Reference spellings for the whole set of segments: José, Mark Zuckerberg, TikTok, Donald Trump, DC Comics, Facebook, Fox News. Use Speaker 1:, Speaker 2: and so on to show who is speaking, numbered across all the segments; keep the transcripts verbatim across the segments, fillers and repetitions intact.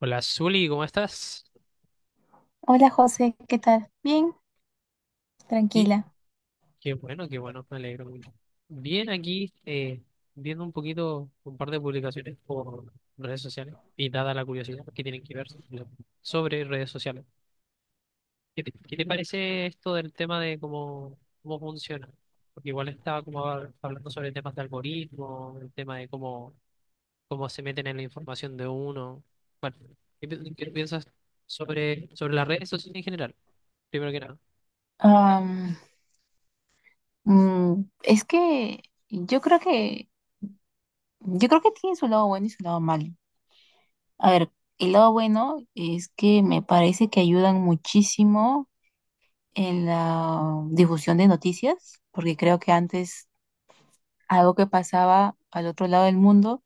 Speaker 1: Hola, Zuli, ¿cómo estás?
Speaker 2: Hola José, ¿qué tal? Bien,
Speaker 1: Sí,
Speaker 2: tranquila.
Speaker 1: qué bueno, qué bueno, me alegro mucho. Bien, aquí eh, viendo un poquito un par de publicaciones por redes sociales y dada la curiosidad que tienen que ver sobre redes sociales. ¿Qué te, qué te parece esto del tema de cómo, cómo funciona? Porque igual estaba como hab- hablando sobre temas de algoritmo, el tema de cómo, cómo se meten en la información de uno. Bueno, ¿qué, pi- qué piensas sobre, sobre las redes sociales en general? Primero que nada.
Speaker 2: Am, mm, es que yo creo que yo creo que tiene su lado bueno y su lado malo. A ver, el lado bueno es que me parece que ayudan muchísimo en la difusión de noticias, porque creo que antes algo que pasaba al otro lado del mundo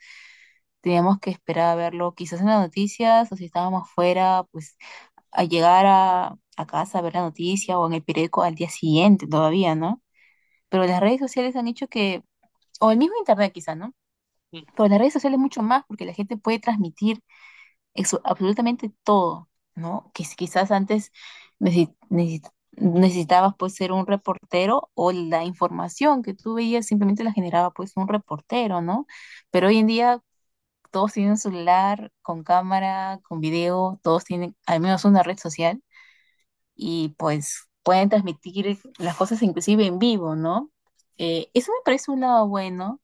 Speaker 2: teníamos que esperar a verlo quizás en las noticias o si estábamos fuera, pues a llegar a, a casa a ver la noticia o en el periódico al día siguiente todavía, ¿no? Pero las redes sociales han hecho que, o el mismo internet quizá, ¿no?
Speaker 1: Mm.
Speaker 2: Pero las redes sociales mucho más porque la gente puede transmitir eso absolutamente todo, ¿no? Que si quizás antes necesi- necesi- necesitabas pues ser un reportero o la información que tú veías simplemente la generaba pues un reportero, ¿no? Pero hoy en día todos tienen un celular con cámara, con video, todos tienen al menos una red social y pues pueden transmitir las cosas inclusive en vivo, ¿no? Eh, eso me parece un lado bueno,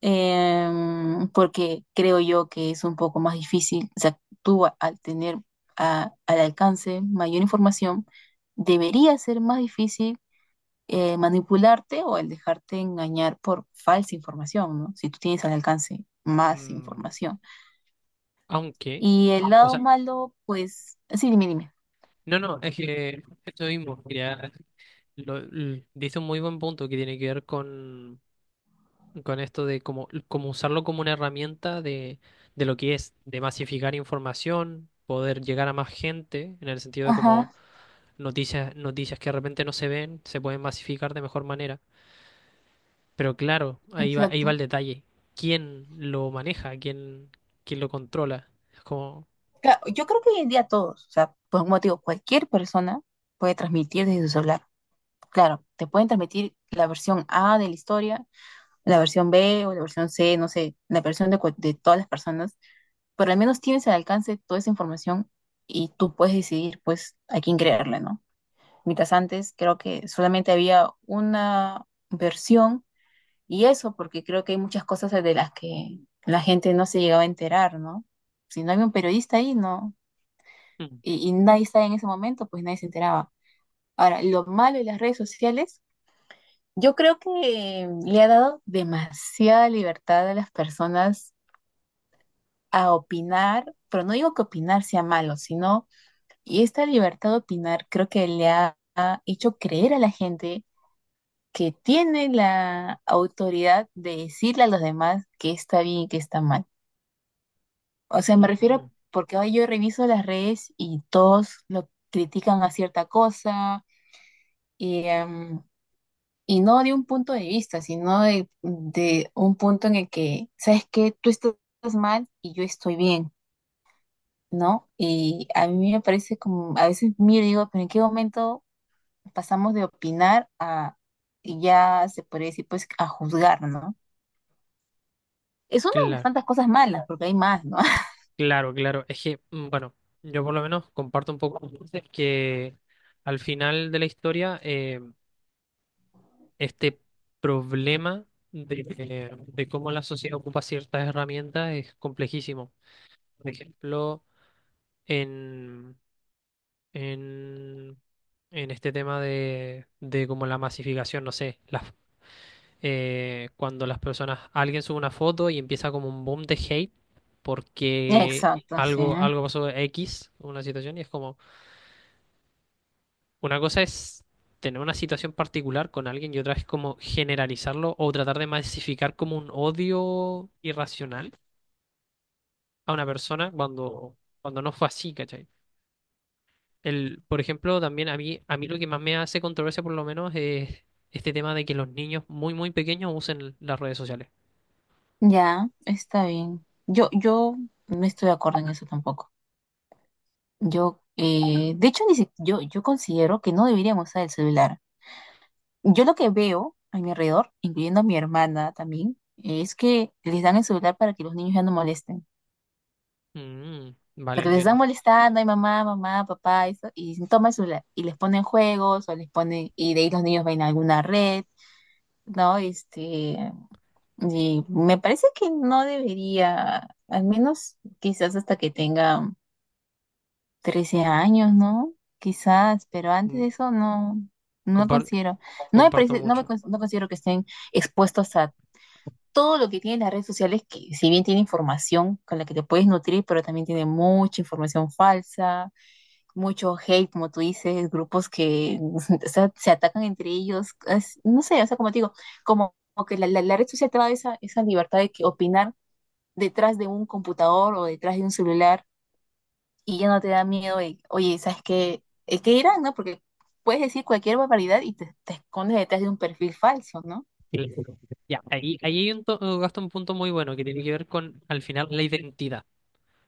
Speaker 2: em, porque creo yo que es un poco más difícil, o sea, tú a- al tener a- al alcance mayor información, debería ser más difícil eh, manipularte o el dejarte engañar por falsa información, ¿no? Si tú tienes al alcance más
Speaker 1: Mm.
Speaker 2: información.
Speaker 1: Aunque,
Speaker 2: Y el
Speaker 1: o
Speaker 2: lado
Speaker 1: sea,
Speaker 2: malo, pues, sí, dime, dime.
Speaker 1: no, no, es que esto mismo, quería, lo- l- dice un muy buen punto que tiene que ver con, con esto de cómo, cómo usarlo como una herramienta de, de lo que es, de masificar información, poder llegar a más gente, en el sentido de como
Speaker 2: Ajá,
Speaker 1: noticias, noticias que de repente no se ven, se pueden masificar de mejor manera. Pero claro, ahí va, ahí va el
Speaker 2: exacto.
Speaker 1: detalle. ¿Quién lo maneja? ¿Quién, quién lo controla? Es como...
Speaker 2: Ca- Yo creo que hoy en día todos, o sea, por un motivo, cualquier persona puede transmitir desde su celular. Claro, te pueden transmitir la versión A de la historia, la versión B o la versión C, no sé, la versión de, cual- de todas las personas, pero al menos tienes al alcance toda esa información y tú puedes decidir, pues, a quién creerle, ¿no? Mientras antes creo que solamente había una versión y eso porque creo que hay muchas cosas de las que la gente no se llegaba a enterar, ¿no? Si no había un periodista ahí, no,
Speaker 1: mm,
Speaker 2: y, y nadie estaba en ese momento, pues nadie se enteraba. Ahora, lo malo de las redes sociales, yo creo que le ha dado demasiada libertad a las personas a opinar, pero no digo que opinar sea malo, sino, y esta libertad de opinar creo que le ha, ha hecho creer a la gente que tiene la autoridad de decirle a los demás que está bien y que está mal. O sea, me
Speaker 1: mm,
Speaker 2: refiero
Speaker 1: mm.
Speaker 2: porque hoy yo reviso las redes y todos lo critican a cierta cosa, y, em, y no de un punto de vista, sino de, de un punto en el que, ¿sabes qué? Tú estás mal y yo estoy bien, ¿no? Y a mí me parece como, a veces miro y digo, ¿pero en qué momento pasamos de opinar a, y ya se podría decir, pues, a juzgar, ¿no? Es una de las
Speaker 1: Claro.
Speaker 2: tantas cosas malas, porque hay más, ¿no?
Speaker 1: Claro, claro. Es que, mm, bueno, yo por lo menos comparto un poco con ustedes que al final de la historia, eh, este problema de, de cómo la sociedad ocupa ciertas herramientas es complejísimo. Por ejemplo, en, en, en este tema de, de como la masificación, no sé, las, eh, cuando las personas, alguien sube una foto y empieza como un boom de hate porque
Speaker 2: Exacto, sí.
Speaker 1: algo, algo pasó X, una situación, y es como... Una cosa es tener una situación particular con alguien y otra es como generalizarlo o tratar de masificar como un odio irracional a una persona cuando, cuando no fue así, ¿cachai? El, por ejemplo, también a mí, a mí lo que más me hace controversia por lo menos es este tema de que los niños muy, muy pequeños usen las redes sociales.
Speaker 2: Ya, está bien. Yo, yo no estoy de acuerdo en eso tampoco. Yo, eh, de hecho, ni si- yo, yo considero que no deberíamos usar el celular. Yo lo que veo a mi alrededor, incluyendo a mi hermana también, es que les dan el celular para que los niños ya no molesten.
Speaker 1: Mm, vale,
Speaker 2: Porque les están
Speaker 1: entiendo.
Speaker 2: molestando, ay mamá, mamá, papá, eso, y dicen, toma el celular. Y les ponen juegos, o les ponen, y de ahí los niños ven alguna red, ¿no? Este, y me parece que no debería, al menos quizás hasta que tengan trece años, ¿no? Quizás, pero antes
Speaker 1: Mm,
Speaker 2: de eso no, no lo
Speaker 1: compar-
Speaker 2: considero. No me
Speaker 1: comparto
Speaker 2: parece, no me,
Speaker 1: mucho.
Speaker 2: cons- no considero que estén expuestos a todo lo que tienen las redes sociales, que si bien tiene información con la que te puedes nutrir, pero también tiene mucha información falsa, mucho hate, como tú dices, grupos que o sea, se atacan entre ellos, es- no sé, o sea, como te digo, como, como que la, la- la red social te da esa, esa libertad de que opinar detrás de un computador o detrás de un celular y ya no te da miedo de, oye, ¿sabes qué? Eh, ¿Qué dirán, no? Porque puedes decir cualquier barbaridad y te, te escondes detrás de un perfil falso, ¿no?
Speaker 1: Y- Ya, ahí, ahí hay un to- gasto un punto muy bueno que tiene que ver con, al final, la identidad.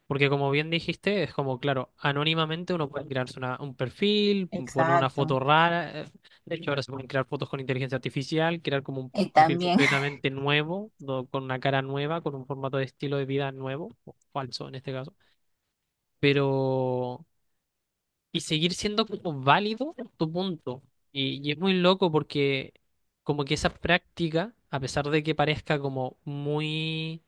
Speaker 1: Porque como bien dijiste, es como, claro, anónimamente uno puede crearse una- un perfil, poner una
Speaker 2: Exacto.
Speaker 1: foto rara. eh, De hecho, ahora se pueden crear fotos con inteligencia artificial, crear como un
Speaker 2: Y
Speaker 1: perfil
Speaker 2: también.
Speaker 1: completamente nuevo, do- con una cara nueva, con un formato de estilo de vida nuevo, o falso en este caso. Pero, y seguir siendo como válido tu punto. Y, y es muy loco porque como que esa práctica, a pesar de que parezca como muy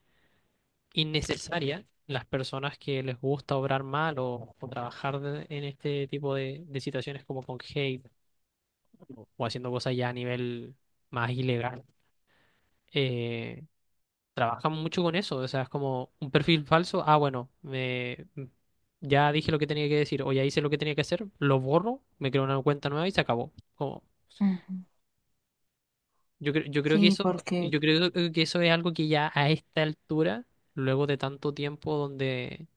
Speaker 1: innecesaria, las personas que les gusta obrar mal o, o trabajar de- en este tipo de, de situaciones como con hate o haciendo cosas ya a nivel más ilegal. Eh, trabajan mucho con eso, o sea, es como un perfil falso, ah, bueno, me, ya dije lo que tenía que decir o ya hice lo que tenía que hacer, lo borro, me creo una cuenta nueva y se acabó. Como, yo, cre- yo creo que
Speaker 2: Sí,
Speaker 1: eso,
Speaker 2: porque
Speaker 1: yo creo que eso es algo que ya a esta altura, luego de tanto tiempo donde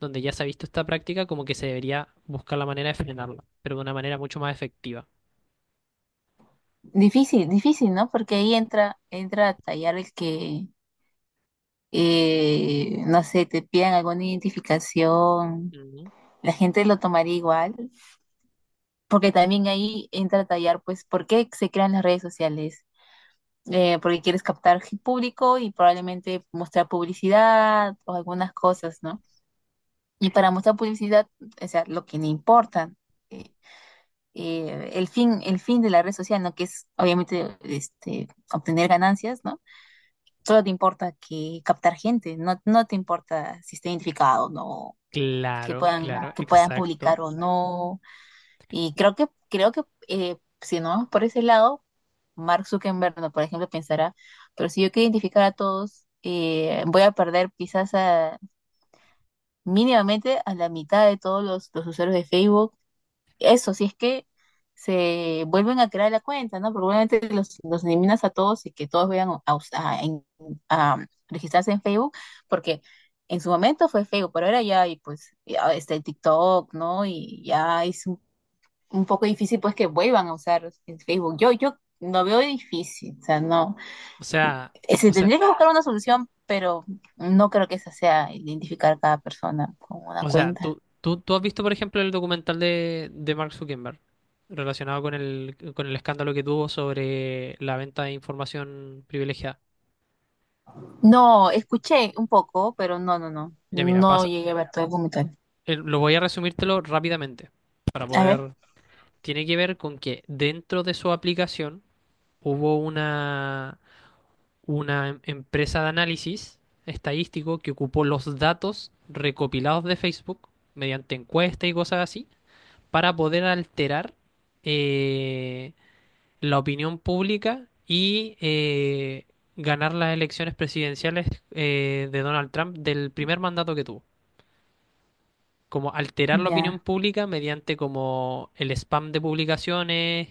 Speaker 1: donde ya se ha visto esta práctica, como que se debería buscar la manera de frenarla, pero de una manera mucho más efectiva.
Speaker 2: difícil, difícil, ¿no? Porque ahí entra, entra a tallar el que, eh, no sé, te pidan alguna identificación,
Speaker 1: Ujú.
Speaker 2: la gente lo tomaría igual, porque también ahí entra a tallar, pues, ¿por qué se crean las redes sociales? Eh, porque quieres captar gen- público y probablemente mostrar publicidad o algunas cosas, ¿no? Y para mostrar publicidad, o sea, lo que le importa, eh, eh, el fin, el fin de la red social, ¿no? Que es obviamente este, obtener ganancias, ¿no? Solo te importa que captar gente, no, no te importa si está identificado o no, que
Speaker 1: Claro,
Speaker 2: puedan,
Speaker 1: claro,
Speaker 2: que puedan
Speaker 1: exacto.
Speaker 2: publicar o no. Y creo que, creo que eh, si no vamos por ese lado, Mark Zuckerberg, no, por ejemplo, pensará, pero si yo quiero identificar a todos, eh, voy a perder quizás a- mínimamente a la mitad de todos los, los usuarios de Facebook eso, si es que se vuelven a crear la cuenta, ¿no? Probablemente los, los eliminas a todos y que todos vayan a, us- a- en- a registrarse en Facebook, porque en su momento fue Facebook, pero ahora ya hay pues ya está el TikTok, ¿no? Y ya es un, un poco difícil pues que vuelvan a usar el Facebook. Yo, yo lo veo difícil, o sea, no.
Speaker 1: O sea,
Speaker 2: Eh,
Speaker 1: o
Speaker 2: Se
Speaker 1: sea,
Speaker 2: tendría que buscar una solución, pero no creo que esa sea identificar cada persona con una
Speaker 1: o sea,
Speaker 2: cuenta.
Speaker 1: tú, tú, tú has visto, por ejemplo, el documental de, de Mark Zuckerberg relacionado con el, con el escándalo que tuvo sobre la venta de información privilegiada.
Speaker 2: No, escuché un poco, pero no, no, no.
Speaker 1: Ya mira,
Speaker 2: No
Speaker 1: pasa.
Speaker 2: llegué a ver todo el documental.
Speaker 1: eh, Lo voy a resumírtelo rápidamente para
Speaker 2: A ver,
Speaker 1: poder... Tiene que ver con que dentro de su aplicación hubo una... una em- empresa de análisis estadístico que ocupó los datos recopilados de Facebook mediante encuestas y cosas así para poder alterar eh, la opinión pública y eh, ganar las elecciones presidenciales eh, de Donald Trump del primer mandato que tuvo. Como alterar la opinión
Speaker 2: ya,
Speaker 1: pública mediante como el spam de publicaciones,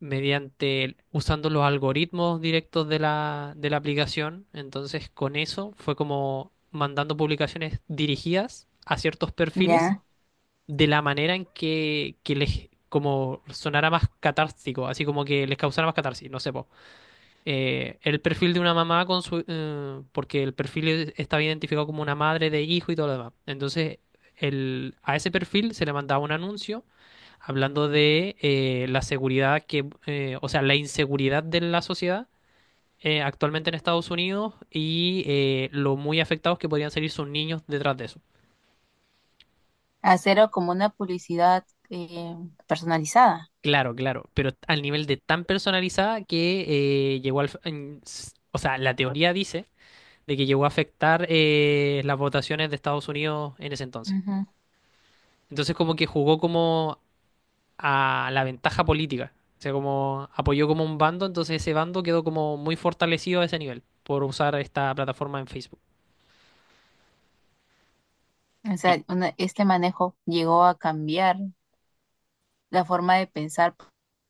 Speaker 1: mediante el- usando los algoritmos directos de la, de la aplicación. Entonces, con eso fue como mandando publicaciones dirigidas a ciertos perfiles
Speaker 2: ya.
Speaker 1: de la manera en que, que les como sonara más catártico, así como que les causara más catarsis, no sé, po. Eh, el perfil de una mamá con su eh, porque el perfil es- estaba identificado como una madre de hijo y todo lo demás. Entonces, el, a ese perfil se le mandaba un anuncio hablando de eh, la seguridad que, eh, o sea, la inseguridad de la sociedad eh, actualmente en Estados Unidos y eh, lo muy afectados que podrían salir sus niños detrás de eso.
Speaker 2: Hacerlo como una publicidad eh, personalizada.
Speaker 1: Claro, claro, pero al nivel de tan personalizada que eh, llegó al... en- s- o sea, la teoría dice de que llegó a afectar eh, las votaciones de Estados Unidos en ese entonces.
Speaker 2: Ujú.
Speaker 1: Entonces como que jugó como a la ventaja política. O sea, como apoyó como un bando, entonces ese bando quedó como muy fortalecido a ese nivel por usar esta plataforma en Facebook.
Speaker 2: O
Speaker 1: Y
Speaker 2: sea, una- este manejo llegó a cambiar la forma de pensar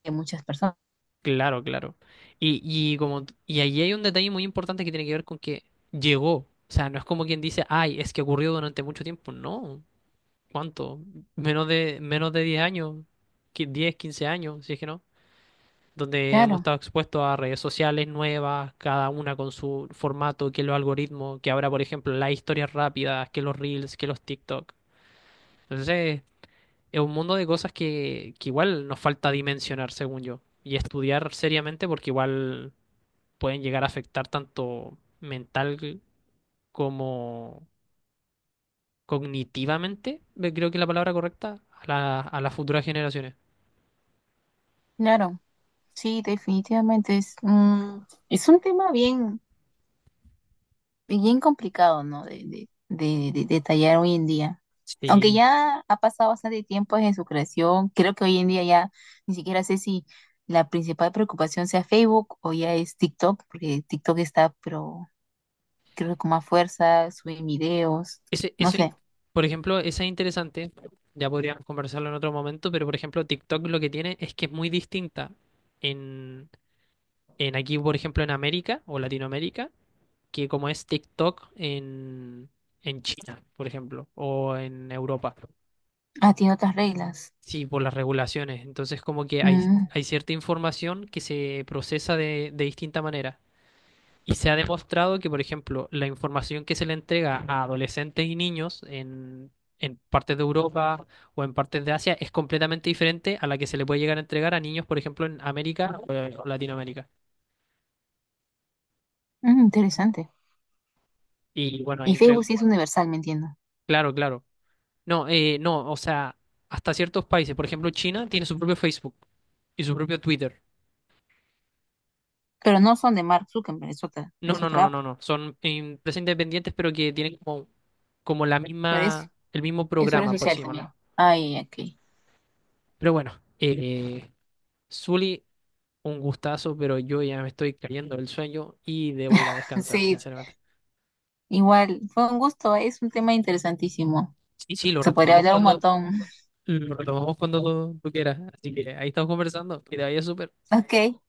Speaker 2: de muchas personas.
Speaker 1: claro, claro. Y, y como y ahí hay un detalle muy importante que tiene que ver con que llegó. O sea, no es como quien dice, ay, es que ocurrió durante mucho tiempo. No. ¿Cuánto? Menos de menos de diez años, qui- diez, quince años, si es que no, donde hemos
Speaker 2: Claro,
Speaker 1: estado expuestos a redes sociales nuevas, cada una con su formato, que los algoritmos, que ahora, por ejemplo, las historias rápidas, que los reels, que los TikTok. Entonces, es un mundo de cosas que, que igual nos falta dimensionar, según yo, y estudiar seriamente porque igual pueden llegar a afectar tanto mental como cognitivamente, me- creo que es la palabra correcta, a la- a las futuras generaciones.
Speaker 2: claro. Sí, definitivamente es, mm, es un tema bien, bien complicado, ¿no? De, de, de, de- de tallar hoy en día. Aunque
Speaker 1: Sí.
Speaker 2: ya ha pasado bastante tiempo desde su creación, creo que hoy en día ya ni siquiera sé si la principal preocupación sea Facebook o ya es TikTok, porque TikTok está, pero creo que con más fuerza, suben videos,
Speaker 1: Ese,
Speaker 2: no
Speaker 1: eso,
Speaker 2: sé.
Speaker 1: in- por ejemplo, esa es interesante. Ya podríamos conversarlo en otro momento, pero por ejemplo, TikTok lo que tiene es que es muy distinta en, en aquí, por ejemplo, en América o Latinoamérica, que como es TikTok en, en China, por ejemplo, o en Europa.
Speaker 2: Ah, tiene otras reglas.
Speaker 1: Sí, por las regulaciones. Entonces, como que hay,
Speaker 2: Mm,
Speaker 1: hay cierta información que se procesa de, de distinta manera. Y se ha demostrado que, por ejemplo, la información que se le entrega a adolescentes y niños en, en partes de Europa o en partes de Asia es completamente diferente a la que se le puede llegar a entregar a niños, por ejemplo, en América o, eh, o Latinoamérica.
Speaker 2: mm, interesante.
Speaker 1: Y bueno, ahí
Speaker 2: Y
Speaker 1: entre...
Speaker 2: Facebook sí es universal, me entiendo.
Speaker 1: Claro, claro. No, eh, no, o sea, hasta ciertos países, por ejemplo, China tiene su propio Facebook y su propio Twitter.
Speaker 2: Pero no son de Mark Zuckerberg, es otra,
Speaker 1: No,
Speaker 2: es
Speaker 1: no, no,
Speaker 2: otra
Speaker 1: no,
Speaker 2: app.
Speaker 1: no, no. Son empresas independientes, pero que tienen como, como la
Speaker 2: Pero es,
Speaker 1: misma, el mismo
Speaker 2: es una
Speaker 1: programa, por
Speaker 2: social
Speaker 1: sí, llamarlo.
Speaker 2: también. Ay, ok.
Speaker 1: Pero bueno, eh, Zuli, un gustazo, pero yo ya me estoy cayendo del sueño y debo ir a descansar,
Speaker 2: Sí,
Speaker 1: sinceramente.
Speaker 2: igual, fue un gusto, es un tema interesantísimo.
Speaker 1: Sí, sí, lo
Speaker 2: Se podría
Speaker 1: retomamos
Speaker 2: hablar un
Speaker 1: cuando
Speaker 2: montón.
Speaker 1: lo retomamos cuando tú, tú quieras. Así que ahí estamos conversando. Que te vaya súper.
Speaker 2: Ok,